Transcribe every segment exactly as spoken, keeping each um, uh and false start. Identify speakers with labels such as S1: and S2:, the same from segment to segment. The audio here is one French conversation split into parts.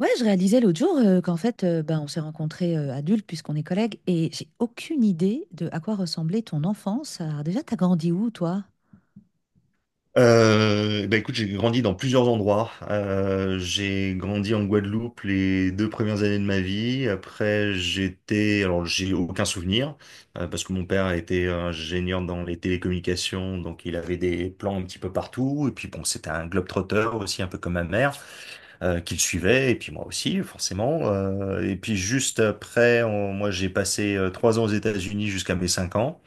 S1: Ouais, je réalisais l'autre jour euh, qu'en fait, euh, ben, on s'est rencontrés euh, adultes puisqu'on est collègues et j'ai aucune idée de à quoi ressemblait ton enfance. Alors déjà, t'as grandi où, toi?
S2: Euh, bah écoute, j'ai grandi dans plusieurs endroits. Euh, j'ai grandi en Guadeloupe les deux premières années de ma vie. Après, j'étais, alors j'ai aucun souvenir euh, parce que mon père était ingénieur dans les télécommunications, donc il avait des plans un petit peu partout. Et puis bon, c'était un globe-trotter aussi, un peu comme ma mère, euh, qu'il suivait. Et puis moi aussi, forcément. Euh, et puis juste après, on- moi j'ai passé euh, trois ans aux États-Unis jusqu'à mes cinq ans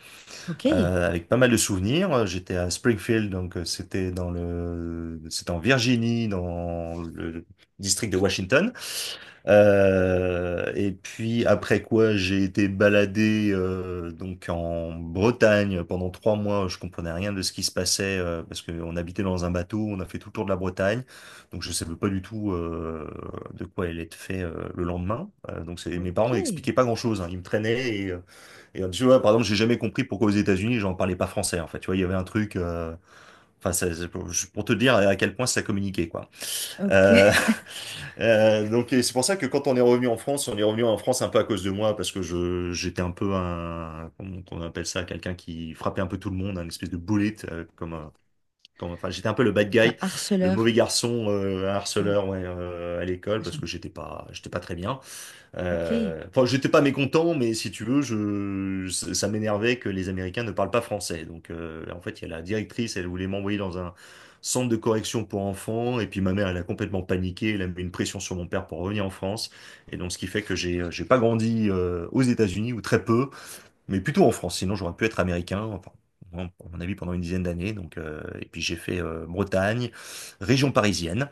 S1: Ok,
S2: euh, avec pas mal de souvenirs. J'étais à Springfield, donc euh, c'était dans le, c'était en Virginie, dans le district de Washington. Euh, et puis après quoi, j'ai été baladé euh, donc en Bretagne pendant trois mois. Je comprenais rien de ce qui se passait euh, parce qu'on habitait dans un bateau. On a fait tout le tour de la Bretagne, donc je savais pas du tout euh, de quoi elle était fait euh, le lendemain. Euh, donc c'est- mes
S1: ok,
S2: parents m'expliquaient pas grand-chose, hein. Ils me traînaient et euh, et euh, tu vois, par exemple, j'ai jamais compris pourquoi aux États-Unis, j'en parlais pas français, en fait. Tu vois, il y avait un truc, euh, enfin, ça- c'est pour je- pour te dire à quel point ça communiquait, quoi.
S1: ok.
S2: Euh, euh, donc, et c'est pour ça que quand on est revenu en France, on est revenu en France un peu à cause de moi, parce que je, j'étais un peu un, comment on appelle ça, quelqu'un qui frappait un peu tout le monde, un espèce de bullet, euh, comme, un- comme, enfin, j'étais un peu le bad guy,
S1: Un
S2: le
S1: harceleur.
S2: mauvais garçon, euh, un
S1: Un...
S2: harceleur, ouais, euh, à l'école,
S1: ah,
S2: parce que
S1: j'aime-
S2: j'étais pas, j'étais pas très bien.
S1: Ok,
S2: Euh, Enfin, j'étais pas mécontent, mais si tu veux, je, ça, ça m'énervait que les Américains ne parlent pas français. Donc, euh, en fait, il y a la directrice, elle voulait m'envoyer dans un centre de correction pour enfants, et puis ma mère, elle a complètement paniqué, elle a mis une pression sur mon père pour revenir en France, et donc ce qui fait que j'ai, euh, j'ai pas grandi euh, aux États-Unis ou très peu, mais plutôt en France. Sinon, j'aurais pu être américain. Enfin, à mon avis, pendant une dizaine d'années. Donc, euh, et puis j'ai fait euh, Bretagne, région parisienne.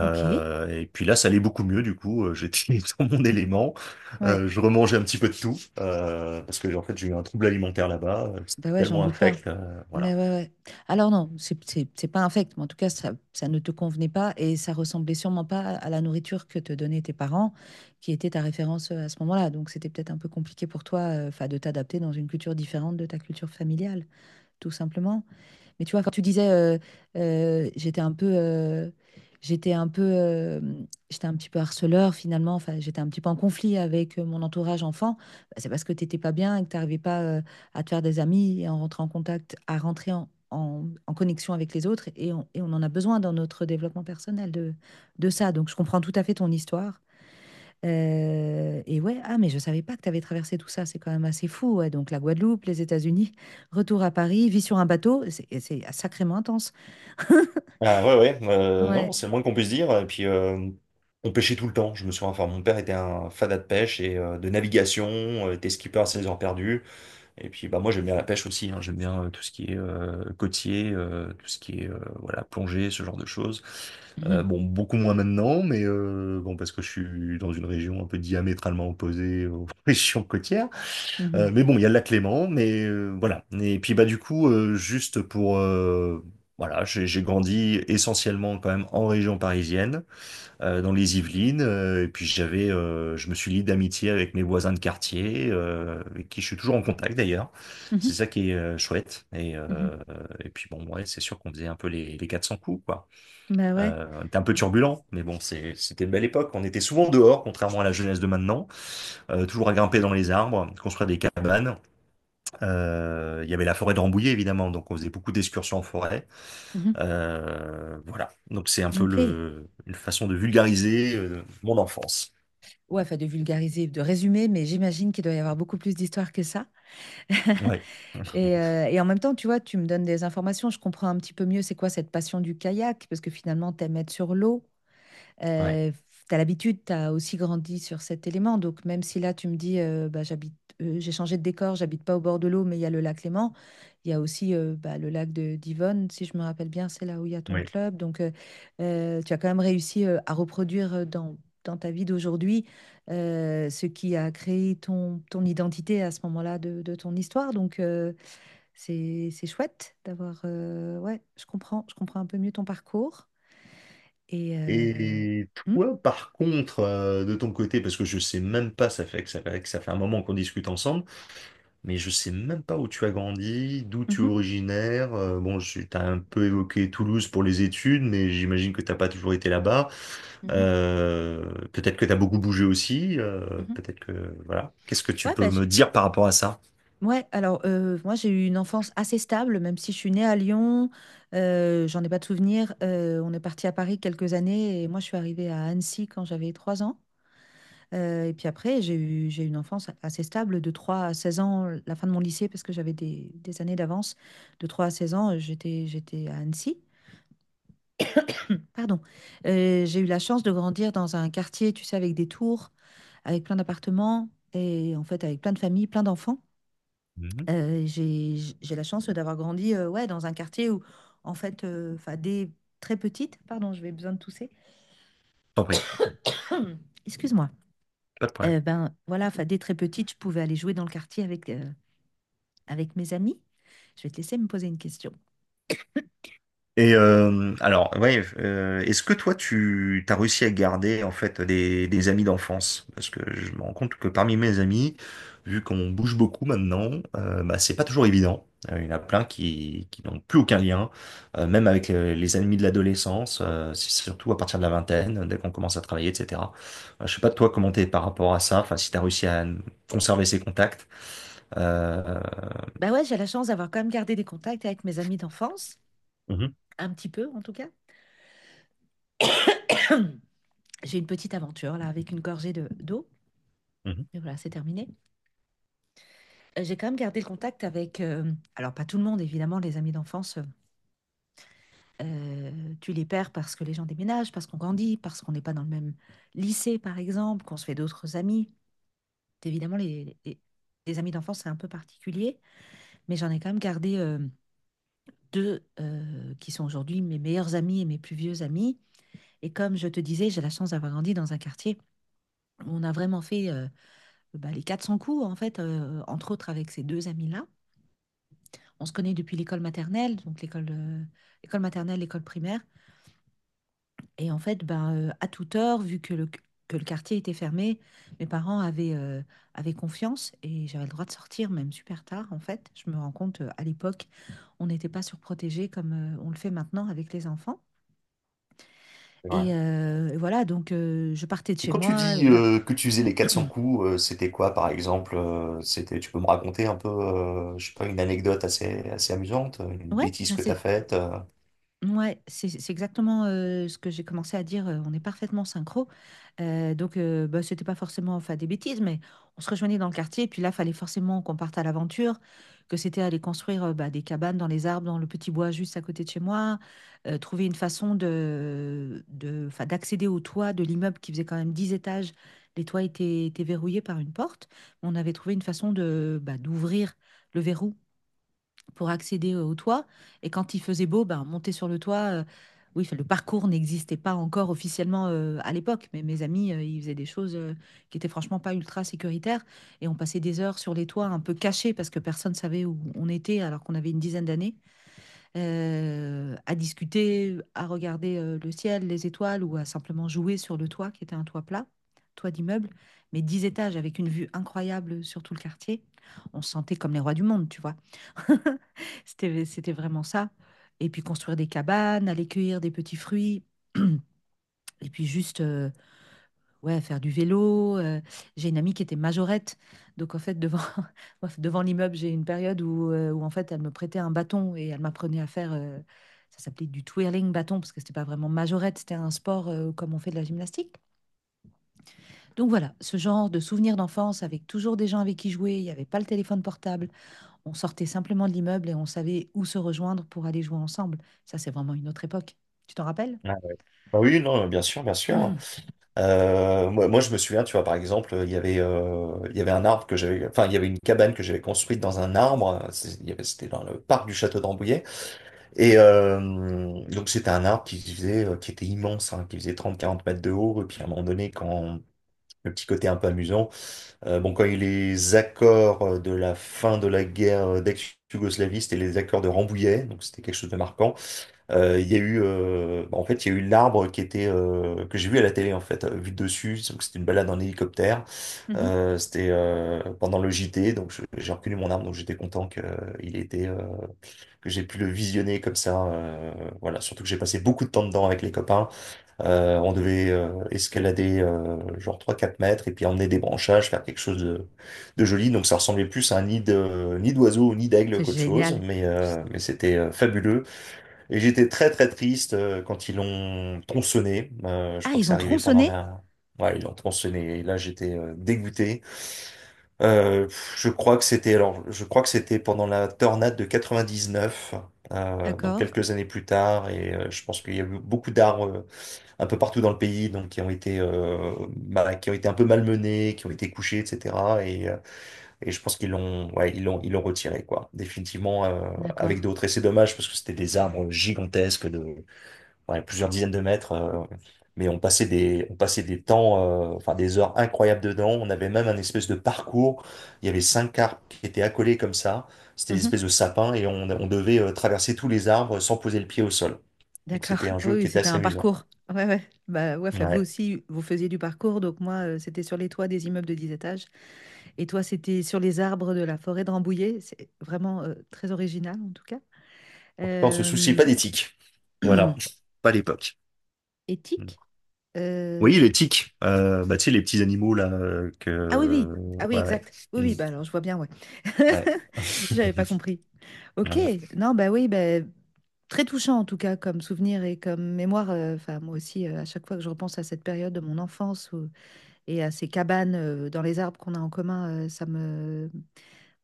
S1: ok.
S2: Et puis là, ça allait beaucoup mieux du coup. euh, J'étais dans mon élément.
S1: Ouais.
S2: Euh, je remangeais un petit peu de tout euh, parce que en fait, j'ai eu un trouble alimentaire là-bas. euh, C'était
S1: Ben ouais, j'en
S2: tellement
S1: doute pas.
S2: infect, euh, voilà.
S1: Mais ouais, ouais. Alors non, c'est c'est- c'est pas infect, mais en tout cas, ça, ça ne te convenait pas et ça ressemblait sûrement pas à la nourriture que te donnaient tes parents, qui était ta référence euh, à ce moment-là. Donc c'était peut-être un peu compliqué pour toi, euh, 'fin, de t'adapter dans une culture différente de ta culture familiale, tout simplement. Mais tu vois, quand tu disais, euh, euh, j'étais un peu, euh, j'étais un peu, euh, j'étais un petit peu harceleur finalement. Enfin, j'étais un petit peu en conflit avec euh, mon entourage enfant. Bah, c'est parce que t'étais pas bien et que t'arrivais pas euh, à te faire des amis et à rentrer en contact, à rentrer en, en- en connexion avec les autres. Et on, et on en a besoin dans notre développement personnel de, de ça. Donc, je comprends tout à fait ton histoire. Euh, et ouais, ah, mais je savais pas que tu avais traversé tout ça, c'est quand même assez fou. Ouais. Donc la Guadeloupe, les États-Unis, retour à Paris, vie sur un bateau, c'est c'est sacrément intense.
S2: Ah ouais, ouais. Euh, non,
S1: Ouais.
S2: c'est le moins qu'on puisse dire. Et puis, euh, on pêchait tout le temps. Je me souviens. Enfin, mon père était un fada de pêche et euh, de navigation. Euh, était skipper à ses heures perdues. Et puis bah moi j'aime bien la pêche aussi, hein. J'aime bien euh, tout ce qui est euh, côtier, euh, tout ce qui est euh, voilà plongée, ce genre de choses. Euh,
S1: Mhm,
S2: bon beaucoup moins maintenant, mais euh, bon parce que je suis dans une région un peu diamétralement opposée aux régions côtières. Euh,
S1: mhm,
S2: mais bon il y a le lac Léman, mais euh, voilà. Et puis bah du coup euh, juste pour euh, voilà, j'ai j'ai grandi essentiellement quand même en région parisienne euh, dans les Yvelines. Euh, et puis j'avais, euh, je me suis lié d'amitié avec mes voisins de quartier, euh, avec qui je suis toujours en contact d'ailleurs.
S1: mhm,
S2: C'est ça qui est euh, chouette. Et,
S1: mhm.
S2: euh, et puis bon, ouais, c'est sûr qu'on faisait un peu les, les quatre cents coups, quoi.
S1: Bah ouais.
S2: Euh, on était un peu turbulent, mais bon, c'est, c'était une belle époque. On était souvent dehors, contrairement à la jeunesse de maintenant. Euh, toujours à grimper dans les arbres, construire des cabanes. Euh, il y avait la forêt de Rambouillet, évidemment, donc on faisait beaucoup d'excursions en forêt.
S1: Mhm.
S2: Euh, voilà, donc c'est un peu
S1: Ok.
S2: le, une façon de vulgariser euh, mon enfance.
S1: Ouais, enfin de vulgariser, de résumer, mais j'imagine qu'il doit y avoir beaucoup plus d'histoires que ça.
S2: Ouais,
S1: Et, euh, et en même temps, tu vois, tu me donnes des informations, je comprends un petit peu mieux c'est quoi cette passion du kayak, parce que finalement, t'aimes être sur l'eau.
S2: ouais,
S1: Euh, tu as l'habitude, tu as aussi grandi sur cet élément. Donc, même si là, tu me dis, euh, bah, j'habite, euh, j'ai changé de décor, j'habite pas au bord de l'eau, mais il y a le lac Léman. Il y a aussi euh, bah, le lac de d'Yvonne, si je me rappelle bien, c'est là où il y a ton
S2: ouais.
S1: club. Donc, euh, euh, tu as quand même réussi euh, à reproduire euh, dans, dans ta vie d'aujourd'hui euh, ce qui a créé ton, ton identité à ce moment-là de, de ton histoire. Donc, euh, c'est, c'est chouette d'avoir. Euh, ouais, je comprends, je comprends un peu mieux ton parcours. Et. euh,
S2: Et
S1: hmm,
S2: toi, par contre, euh, de ton côté, parce que je sais même pas, ça fait que ça fait, que ça fait un moment qu'on discute ensemble, mais je sais même pas où tu as grandi, d'où tu es
S1: mhm.
S2: originaire. Euh, bon, tu as un peu évoqué Toulouse pour les études, mais j'imagine que t'as pas toujours été là-bas.
S1: Mhm,
S2: Euh, Peut-être que tu as beaucoup bougé aussi. Euh,
S1: mhm.
S2: peut-être que voilà. Qu'est-ce que tu
S1: Ouais,
S2: peux
S1: bah, j'ai-
S2: me dire par rapport à ça?
S1: ouais, alors euh, moi j'ai eu une enfance assez stable, même si je suis née à Lyon, euh, j'en ai pas de souvenir. Euh, on est parti à Paris quelques années et moi je suis arrivée à Annecy quand j'avais trois ans. Euh, et puis après, j'ai eu, j'ai eu une enfance assez stable de trois à seize ans, la fin de mon lycée, parce que j'avais des, des années d'avance. De trois à seize ans, euh, j'étais, j'étais à Annecy. Pardon. Euh, j'ai eu la chance de grandir dans un quartier, tu sais, avec des tours, avec plein d'appartements et en fait avec plein de familles, plein d'enfants.
S2: Mhm.
S1: Euh, j'ai, j'ai la chance d'avoir grandi euh, ouais, dans un quartier où, en fait, euh, 'fin, dès très petite, pardon, je vais besoin de tousser,
S2: T'en prie,
S1: excuse-moi.
S2: pas de problème.
S1: Euh, ben voilà, 'fin, dès très petite, je pouvais aller jouer dans le quartier avec, euh, avec mes amis. Je vais te laisser me poser une question.
S2: Et euh, alors, ouais, euh, est-ce que toi, tu as réussi à garder en fait des, des amis d'enfance? Parce que je me rends compte que parmi mes amis, vu qu'on bouge beaucoup maintenant, euh, bah, c'est pas toujours évident. Euh, Il y en a plein qui, qui n'ont plus aucun lien, euh, même avec les, les amis de l'adolescence. Euh, c'est surtout à partir de la vingtaine, dès qu'on commence à travailler, et cetera. Euh, je sais pas toi comment t'es par rapport à ça. Enfin, si t'as réussi à conserver ces contacts. Euh,
S1: Ben ouais, j'ai la chance d'avoir quand même gardé des contacts avec mes amis d'enfance,
S2: euh, mhm,
S1: un petit peu en tout cas. J'ai une petite aventure là avec une gorgée de, d'eau.
S2: mhm.
S1: Et voilà, c'est terminé. Euh, J'ai quand même gardé le contact avec, euh, alors pas tout le monde évidemment, les amis d'enfance. euh, Euh, tu les perds parce que les gens déménagent, parce qu'on grandit, parce qu'on n'est pas dans le même lycée, par exemple, qu'on se fait d'autres amis. Évidemment, les, les- les amis d'enfance, c'est un peu particulier, mais j'en ai quand même gardé euh, deux euh, qui sont aujourd'hui mes meilleurs amis et mes plus vieux amis. Et comme je te disais, j'ai la chance d'avoir grandi dans un quartier où on a vraiment fait euh, bah, les quatre cents coups, en fait, euh, entre autres avec ces deux amis-là. On se connaît depuis l'école maternelle, donc l'école euh, école maternelle, l'école primaire. Et en fait, ben, euh, à toute heure, vu que le, que le quartier était fermé, mes parents avaient, euh, avaient confiance et j'avais le droit de sortir, même super tard, en fait. Je me rends compte, euh, à l'époque, on n'était pas surprotégés comme euh, on le fait maintenant avec les enfants.
S2: Ouais.
S1: Et, euh, et voilà, donc euh, je partais de
S2: Et
S1: chez
S2: quand tu
S1: moi
S2: dis
S1: et là,
S2: euh, que tu faisais les quatre cents coups, euh, c'était quoi par exemple? Euh, c'était, tu peux me raconter un peu, euh, je sais pas, une anecdote assez, assez amusante, une
S1: ouais,
S2: bêtise
S1: bah,
S2: que t'as
S1: c'est
S2: faite? euh
S1: Ouais, c'est c'est exactement euh, ce que j'ai commencé à dire. euh, on est parfaitement synchro. Euh, donc, euh, bah, c'était pas forcément enfin, des bêtises, mais on se rejoignait dans le quartier. Puis là, fallait forcément qu'on parte à l'aventure, que c'était aller construire euh, bah, des cabanes dans les arbres, dans le petit bois juste à côté de chez moi, euh, trouver une façon de, de, enfin, d'accéder au toit de l'immeuble qui faisait quand même dix étages. Les toits étaient, étaient verrouillés par une porte. On avait trouvé une façon de, bah, d'ouvrir le verrou pour accéder euh, au toit. Et quand il faisait beau, ben, monter sur le toit, euh, oui, enfin, le parcours n'existait pas encore officiellement euh, à l'époque, mais mes amis, euh, ils faisaient des choses euh, qui étaient franchement pas ultra sécuritaires. Et on passait des heures sur les toits un peu cachés parce que personne savait où on était alors qu'on avait une dizaine d'années, euh, à discuter, à regarder euh, le ciel, les étoiles ou à simplement jouer sur le toit qui était un toit plat, toit d'immeuble, mais dix étages avec une vue incroyable sur tout le quartier. On se sentait comme les rois du monde, tu vois. C'était, c'était vraiment ça. Et puis construire des cabanes, aller cueillir des petits fruits, et puis juste euh, ouais, faire du vélo. euh. J'ai une amie qui était majorette. Donc en fait, devant, bref, devant l'immeuble, j'ai une période où, euh, où en fait, elle me prêtait un bâton et elle m'apprenait à faire, euh, ça s'appelait du twirling bâton, parce que c'était pas vraiment majorette, c'était un sport euh, comme on fait de la gymnastique. Donc voilà, ce genre de souvenirs d'enfance avec toujours des gens avec qui jouer, il n'y avait pas le téléphone portable. On sortait simplement de l'immeuble et on savait où se rejoindre pour aller jouer ensemble. Ça, c'est vraiment une autre époque. Tu t'en rappelles?
S2: Ah, bah oui, non, bien sûr, bien sûr. Euh, moi, moi, je me souviens, tu vois, par exemple, il y avait, euh, il y avait un arbre que j'avais, enfin, il y avait une cabane que j'avais construite dans un arbre. C'est- il y avait- C'était dans le parc du château d'Ambouillet. Et euh, donc, c'était un arbre qui faisait, euh, qui était immense, hein, qui faisait 30 quarante mètres de haut. Et puis, à un moment donné, quand le petit côté un peu amusant, Euh, bon, quand il y a eu les accords euh, de la fin de la guerre d'ex-Yougoslavie, c'était les accords de Rambouillet, donc c'était quelque chose de marquant. Euh, il y a eu, euh, En fait, il y a eu l'arbre qui était euh, que j'ai vu à la télé en fait, euh, vu de dessus. Donc c'était une balade en hélicoptère.
S1: Mhm.
S2: Euh, c'était euh, pendant le J T, donc je- j'ai reconnu mon arbre, donc j'étais content que euh, il était euh, que j'ai pu le visionner comme ça. Euh, voilà, surtout que j'ai passé beaucoup de temps dedans avec les copains. Euh, on devait euh, escalader euh, genre trois quatre mètres et puis emmener des branchages, faire quelque chose de, de joli. Donc ça ressemblait plus à un nid de, nid d'oiseau ou nid d'aigle
S1: C'est
S2: qu'autre chose,
S1: génial.
S2: mais,
S1: Juste-
S2: euh, mais c'était euh, fabuleux. Et j'étais très très triste euh, quand ils l'ont tronçonné. Euh, je
S1: Ah,
S2: crois que
S1: ils
S2: c'est
S1: ont
S2: arrivé pendant
S1: tronçonné?
S2: la... Ouais, ils l'ont tronçonné et là j'étais euh, dégoûté. Euh, pff, je crois que c'était alors, je crois que c'était pendant la tornade de quatre-vingt-dix-neuf, euh, donc
S1: D'accord,
S2: quelques années plus tard, et euh, je pense qu'il y a eu beaucoup d'arbres un peu partout dans le pays, donc qui ont été, euh, bah, qui ont été un peu malmenés, qui ont été couchés, et cetera. Et, euh, et je pense qu'ils l'ont, ouais, ils l'ont, ils l'ont retiré, quoi, définitivement euh, avec
S1: d'accord.
S2: d'autres. Et c'est dommage parce que c'était des arbres gigantesques de ouais, plusieurs dizaines de mètres. Euh, mais on passait des, on passait des temps, euh, enfin des heures incroyables dedans. On avait même un espèce de parcours. Il y avait cinq arbres qui étaient accolés comme ça. C'était des
S1: Mhm.
S2: espèces de sapins et on, on devait euh, traverser tous les arbres sans poser le pied au sol. Donc
S1: D'accord.
S2: c'était un
S1: Oui,
S2: jeu qui
S1: oui,
S2: était
S1: c'était
S2: assez
S1: un
S2: amusant.
S1: parcours. Ouais, ouais. Bah, ouais, enfin, vous
S2: Ouais.
S1: aussi, vous faisiez du parcours. Donc, moi, euh, c'était sur les toits des immeubles de dix étages. Et toi, c'était sur les arbres de la forêt de Rambouillet. C'est vraiment euh, très original, en tout cas.
S2: En tout cas, on se soucie pas
S1: Euh,
S2: des tiques. Voilà, pas à l'époque. Mm.
S1: Éthique,
S2: Oui,
S1: euh,
S2: les tiques. Euh, bah, tu sais, les petits animaux là euh,
S1: Ah oui,
S2: que.
S1: oui. Ah oui,
S2: Ouais, ouais.
S1: exact. Oui,
S2: Mm.
S1: oui, bah alors je vois bien, ouais.
S2: Ouais.
S1: J'avais pas compris. Ok,
S2: Voilà.
S1: non, bah oui, bah, très touchant en tout cas comme souvenir et comme mémoire. euh, Enfin, moi aussi, euh, à chaque fois que je repense à cette période de mon enfance ou- et à ces cabanes euh, dans les arbres qu'on a en commun, euh, ça me...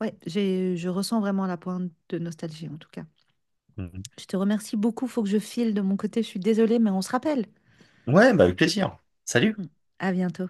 S1: Ouais, j'ai, je ressens vraiment la pointe de nostalgie en tout cas.
S2: Mm.
S1: Je te remercie beaucoup, faut que je file de mon côté, je suis désolée, mais on se rappelle.
S2: Ouais, bah avec plaisir. Salut.
S1: Mm. À bientôt.